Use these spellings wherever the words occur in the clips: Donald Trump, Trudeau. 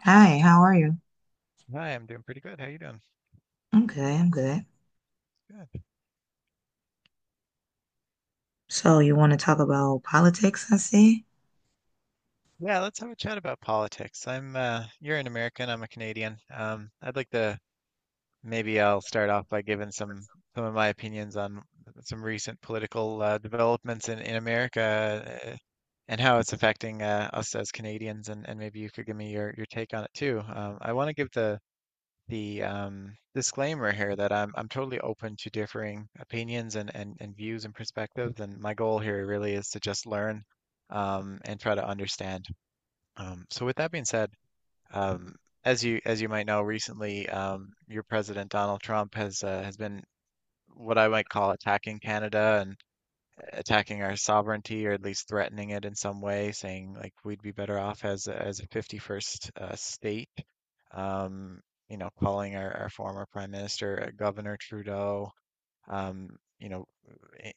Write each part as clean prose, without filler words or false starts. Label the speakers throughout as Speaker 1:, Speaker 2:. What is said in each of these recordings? Speaker 1: Hi, how are you?
Speaker 2: Hi, I'm doing pretty good. How you doing?
Speaker 1: I'm good, I'm good.
Speaker 2: Good.
Speaker 1: So you want to talk about politics, I see?
Speaker 2: Yeah, let's have a chat about politics. I'm You're an American, I'm a Canadian. I'd like to, maybe I'll start off by giving some of my opinions on some recent political, developments in America, and how it's affecting, us as Canadians, and maybe you could give me your take on it too. I want to give the disclaimer here that I'm totally open to differing opinions and views and perspectives, and my goal here really is to just learn, and try to understand. So with that being said, um, as you might know, recently, your president Donald Trump has been what I might call attacking Canada, and attacking our sovereignty, or at least threatening it in some way, saying like we'd be better off as as a 51st state. Um, calling our former prime minister, Governor Trudeau, um, you know,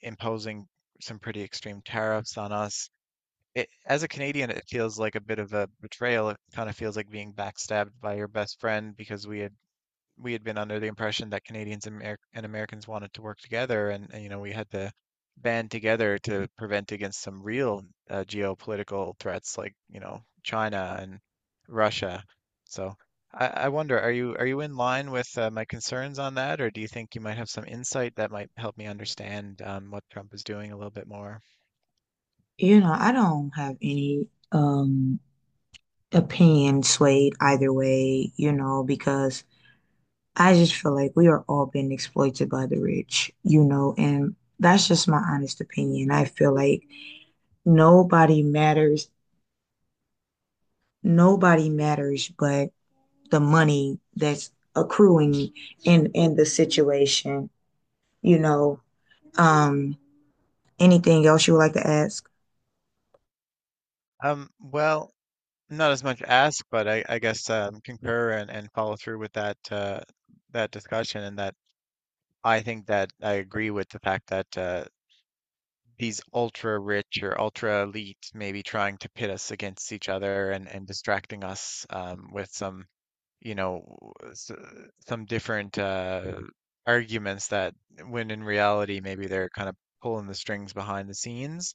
Speaker 2: imposing some pretty extreme tariffs on us. As a Canadian, it feels like a bit of a betrayal. It kind of feels like being backstabbed by your best friend, because we had been under the impression that Canadians, and Americans wanted to work together, and we had to band together to prevent against some real, geopolitical threats like, China and Russia. So I wonder, are you in line with, my concerns on that? Or do you think you might have some insight that might help me understand, what Trump is doing a little bit more?
Speaker 1: You know, I don't have any opinion swayed either way, you know, because I just feel like we are all being exploited by the rich, you know, and that's just my honest opinion. I feel like nobody matters, nobody matters but the money that's accruing in the situation, you know. Um, anything else you would like to add?
Speaker 2: Well, not as much ask, but I guess, concur and follow through with that discussion. And that, I think that I agree with the fact that, these ultra rich or ultra elite may be trying to pit us against each other, and distracting us, with some, you know, s- some different, arguments that, when in reality, maybe they're kind of pulling the strings behind the scenes.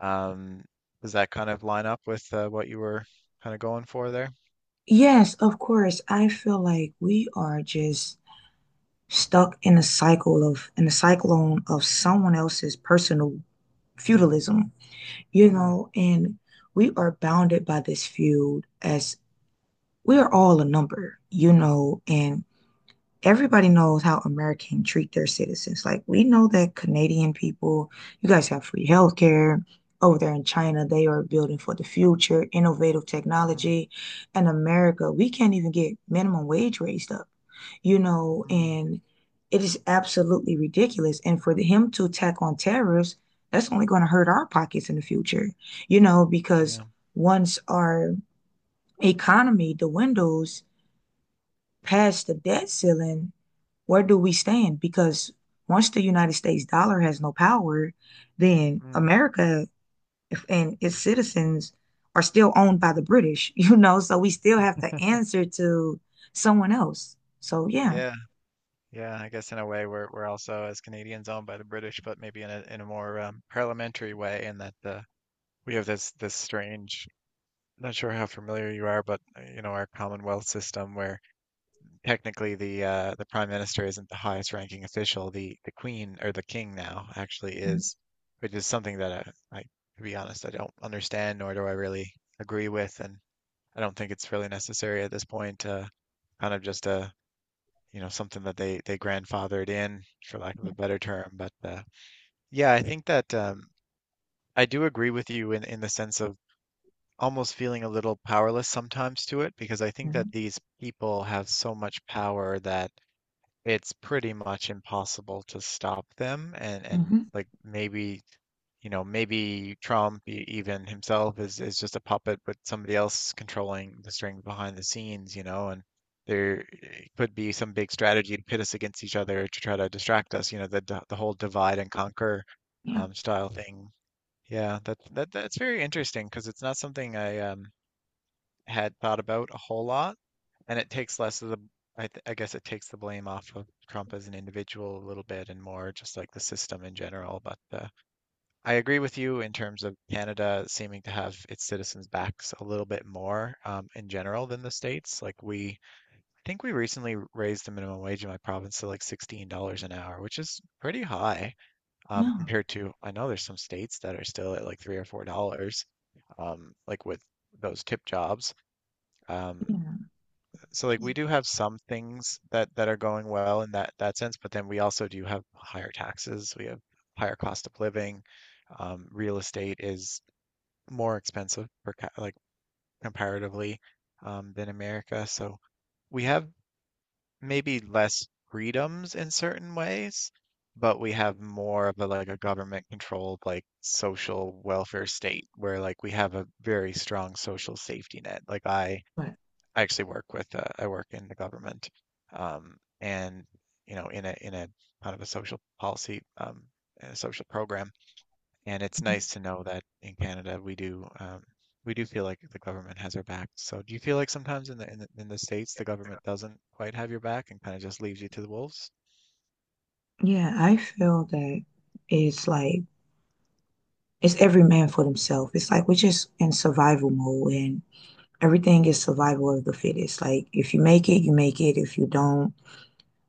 Speaker 2: Um, does that kind of line up with, what you were kind of going for there?
Speaker 1: Yes, of course. I feel like we are just stuck in a cycle of in a cyclone of someone else's personal feudalism, you
Speaker 2: Mm,
Speaker 1: know, and we are bounded by this feud as we are all a number, you know, and everybody knows how Americans treat their citizens. Like we know that Canadian people, you guys have free healthcare. Over there in China,
Speaker 2: mm,
Speaker 1: they are building for the future, innovative
Speaker 2: mm,
Speaker 1: technology. And America, we can't even get minimum wage raised up, you know,
Speaker 2: mm,
Speaker 1: and it is absolutely ridiculous. And for him to attack on tariffs, that's only going to hurt our pockets in the future, you know, because
Speaker 2: yeah.
Speaker 1: once our economy the windows past the debt ceiling, where do we stand? Because once the United States dollar has no power, then
Speaker 2: Mm,
Speaker 1: America and its citizens are still owned by the British, you know, so we still have to answer to someone else. So yeah.
Speaker 2: yeah. Yeah, I guess in a way, we're also, as Canadians, owned by the British, but maybe in a more, parliamentary way, in that, we have this strange. Not sure how familiar you are, but, you know our Commonwealth system, where technically the Prime Minister isn't the highest ranking official. The Queen, or the King now, actually is. Which is something that, I to be honest, I don't understand, nor do I really agree with. And I don't think it's really necessary at this point. Kind of just a, something that they grandfathered in, for lack of a better term. But, yeah, I think that, I do agree with you in the sense of almost feeling a little powerless sometimes to it, because I think that
Speaker 1: Mm-hmm.
Speaker 2: these people have so much power that it's pretty much impossible to stop them. And
Speaker 1: Hmm.
Speaker 2: like, maybe, maybe Trump, even himself, is just a puppet, but somebody else controlling the strings behind the scenes. You know, and there, could be some big strategy to pit us against each other to try to distract us. The whole divide and conquer,
Speaker 1: Yeah.
Speaker 2: style thing. Yeah, that's very interesting, because it's not something I, had thought about a whole lot. And it takes less of the, I guess it takes the blame off of Trump as an individual a little bit, and more just like the system in general. But, I agree with you in terms of Canada seeming to have its citizens' backs a little bit more, in general, than the States. I think we recently raised the minimum wage in my province to like $16 an hour, which is pretty high,
Speaker 1: No,
Speaker 2: compared to, I know there's some states that are still at like $3 or $4, like with those tip jobs. Um,
Speaker 1: yeah.
Speaker 2: so like we do have some things that are going well in that sense, but then we also do have higher taxes. We have higher cost of living. Real estate is more expensive for, like, comparatively, than America. So we have maybe less freedoms in certain ways, but we have more of a, like, a government controlled, like, social welfare state, where like we have a very strong social safety net. Like
Speaker 1: But
Speaker 2: I actually work with, I work in the government, and you know in a kind of a social policy, and a social program. And it's
Speaker 1: mm-hmm.
Speaker 2: nice to know that in Canada we do, we do feel like the government has our back. So do you feel like sometimes in the States, the government doesn't quite have your back and kind of just leaves you to the wolves?
Speaker 1: Yeah, I feel that it's like it's every man for themselves. It's like we're just in survival mode and everything is survival of the fittest. Like if you make it, you make it. If you don't,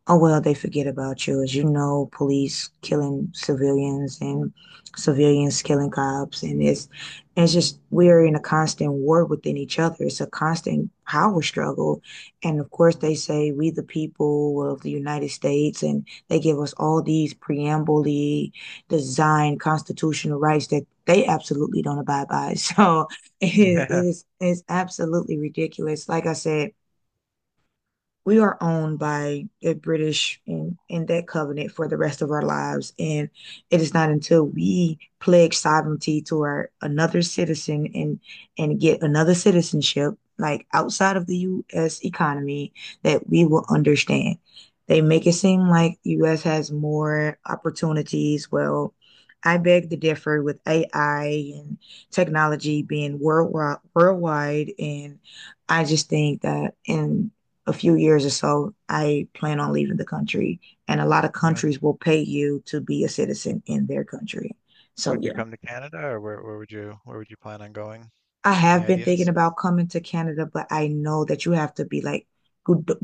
Speaker 1: oh well, they forget about you as you know police killing civilians and civilians killing cops and it's just we're in a constant war within each other, it's a constant power struggle. And of course
Speaker 2: Mm,
Speaker 1: they say we the people of the United States and they give us all these preambly designed constitutional rights that they absolutely don't abide by. So it,
Speaker 2: mhm.
Speaker 1: it
Speaker 2: Yeah.
Speaker 1: is it's absolutely ridiculous, like I said, we are owned
Speaker 2: Mhm.
Speaker 1: by the British in that covenant for the rest of our lives. And it is not until we pledge sovereignty to our another citizen and get another citizenship, like outside of the US economy, that we will
Speaker 2: Mm,
Speaker 1: understand. They make it seem like US has more opportunities. Well, I beg to differ with AI and technology
Speaker 2: mhm.
Speaker 1: being worldwide and I just think that in a few years or so, I plan on leaving the country. And a lot of
Speaker 2: Yeah.
Speaker 1: countries will pay you to be a citizen in their country. So,
Speaker 2: Would you
Speaker 1: yeah,
Speaker 2: come to Canada, or where would you plan on going?
Speaker 1: I
Speaker 2: Any
Speaker 1: have been thinking
Speaker 2: ideas?
Speaker 1: about coming to Canada, but I know that you have to be like,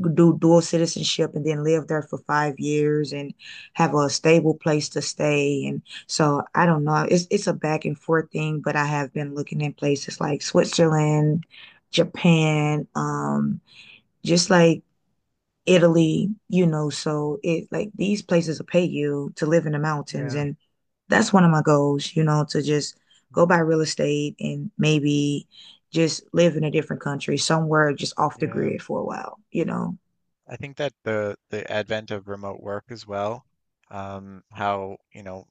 Speaker 1: do dual citizenship and then live there for 5 years and have a stable place to stay. And so I don't know. It's a back and forth thing, but I have been looking in places like Switzerland, Japan, just like Italy, you know, so it like these places will pay you to live in the mountains.
Speaker 2: Yeah.
Speaker 1: And that's one of my goals, you know, to just go buy
Speaker 2: Mm,
Speaker 1: real estate and maybe just live in a different country, somewhere just off the
Speaker 2: yeah.
Speaker 1: grid for a while, you know.
Speaker 2: I think that the advent of remote work as well, how,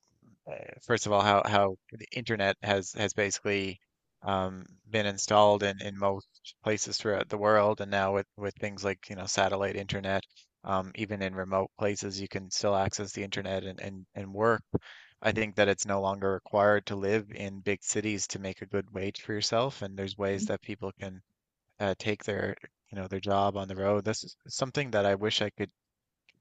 Speaker 2: uh, first of all, how the internet has basically, been installed in most places throughout the world. And now with things like, satellite internet, even in remote places, you can still access the internet and work. I think that it's no longer required to live in big cities to make a good wage for yourself, and there's ways that people can, take their, their job on the road. This is something that I wish I could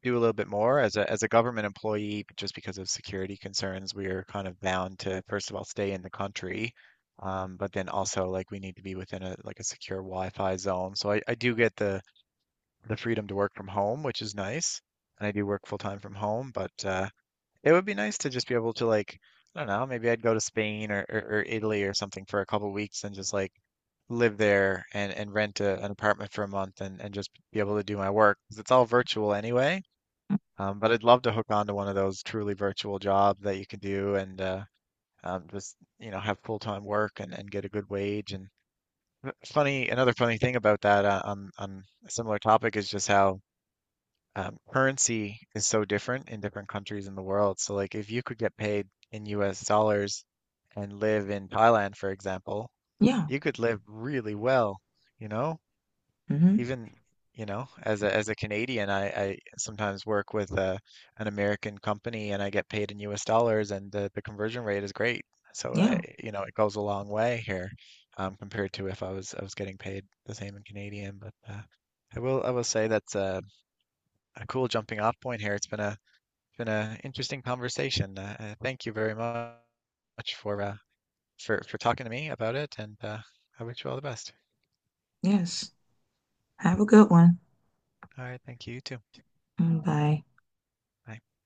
Speaker 2: do a little bit more as a government employee, but just because of security concerns, we are kind of bound to first of all stay in the country, but then also like we need to be within a, like, a secure Wi-Fi zone. So I do get the freedom to work from home, which is nice, and I do work full time from home. But, it would be nice to just be able to, like, I don't know, maybe I'd go to Spain, or Italy, or something, for a couple weeks, and just like live there, and rent an apartment for a month, and just be able to do my work, 'cause it's all virtual anyway. But I'd love to hook on to one of those truly virtual jobs that you can do, and, just, have full-time work and get a good wage. Another funny thing about that, on a similar topic, is just how, currency is so different in different countries in the world. So like if you could get paid in US dollars and live in Thailand, for example,
Speaker 1: Yeah.
Speaker 2: you could live really well, you know,
Speaker 1: Hmm.
Speaker 2: Even, as a Canadian, I sometimes work with, an American company, and I get paid in US dollars, and the conversion rate is great, so I,
Speaker 1: Yeah.
Speaker 2: it goes a long way here, compared to if I was getting paid the same in Canadian. But, I will say that's a cool jumping off point here. It's been a interesting conversation. Thank you very much for, for talking to me about it. And I wish you all the best.
Speaker 1: Yes. Have a good one.
Speaker 2: All right, thank you, you too.
Speaker 1: Mm, bye.
Speaker 2: Bye.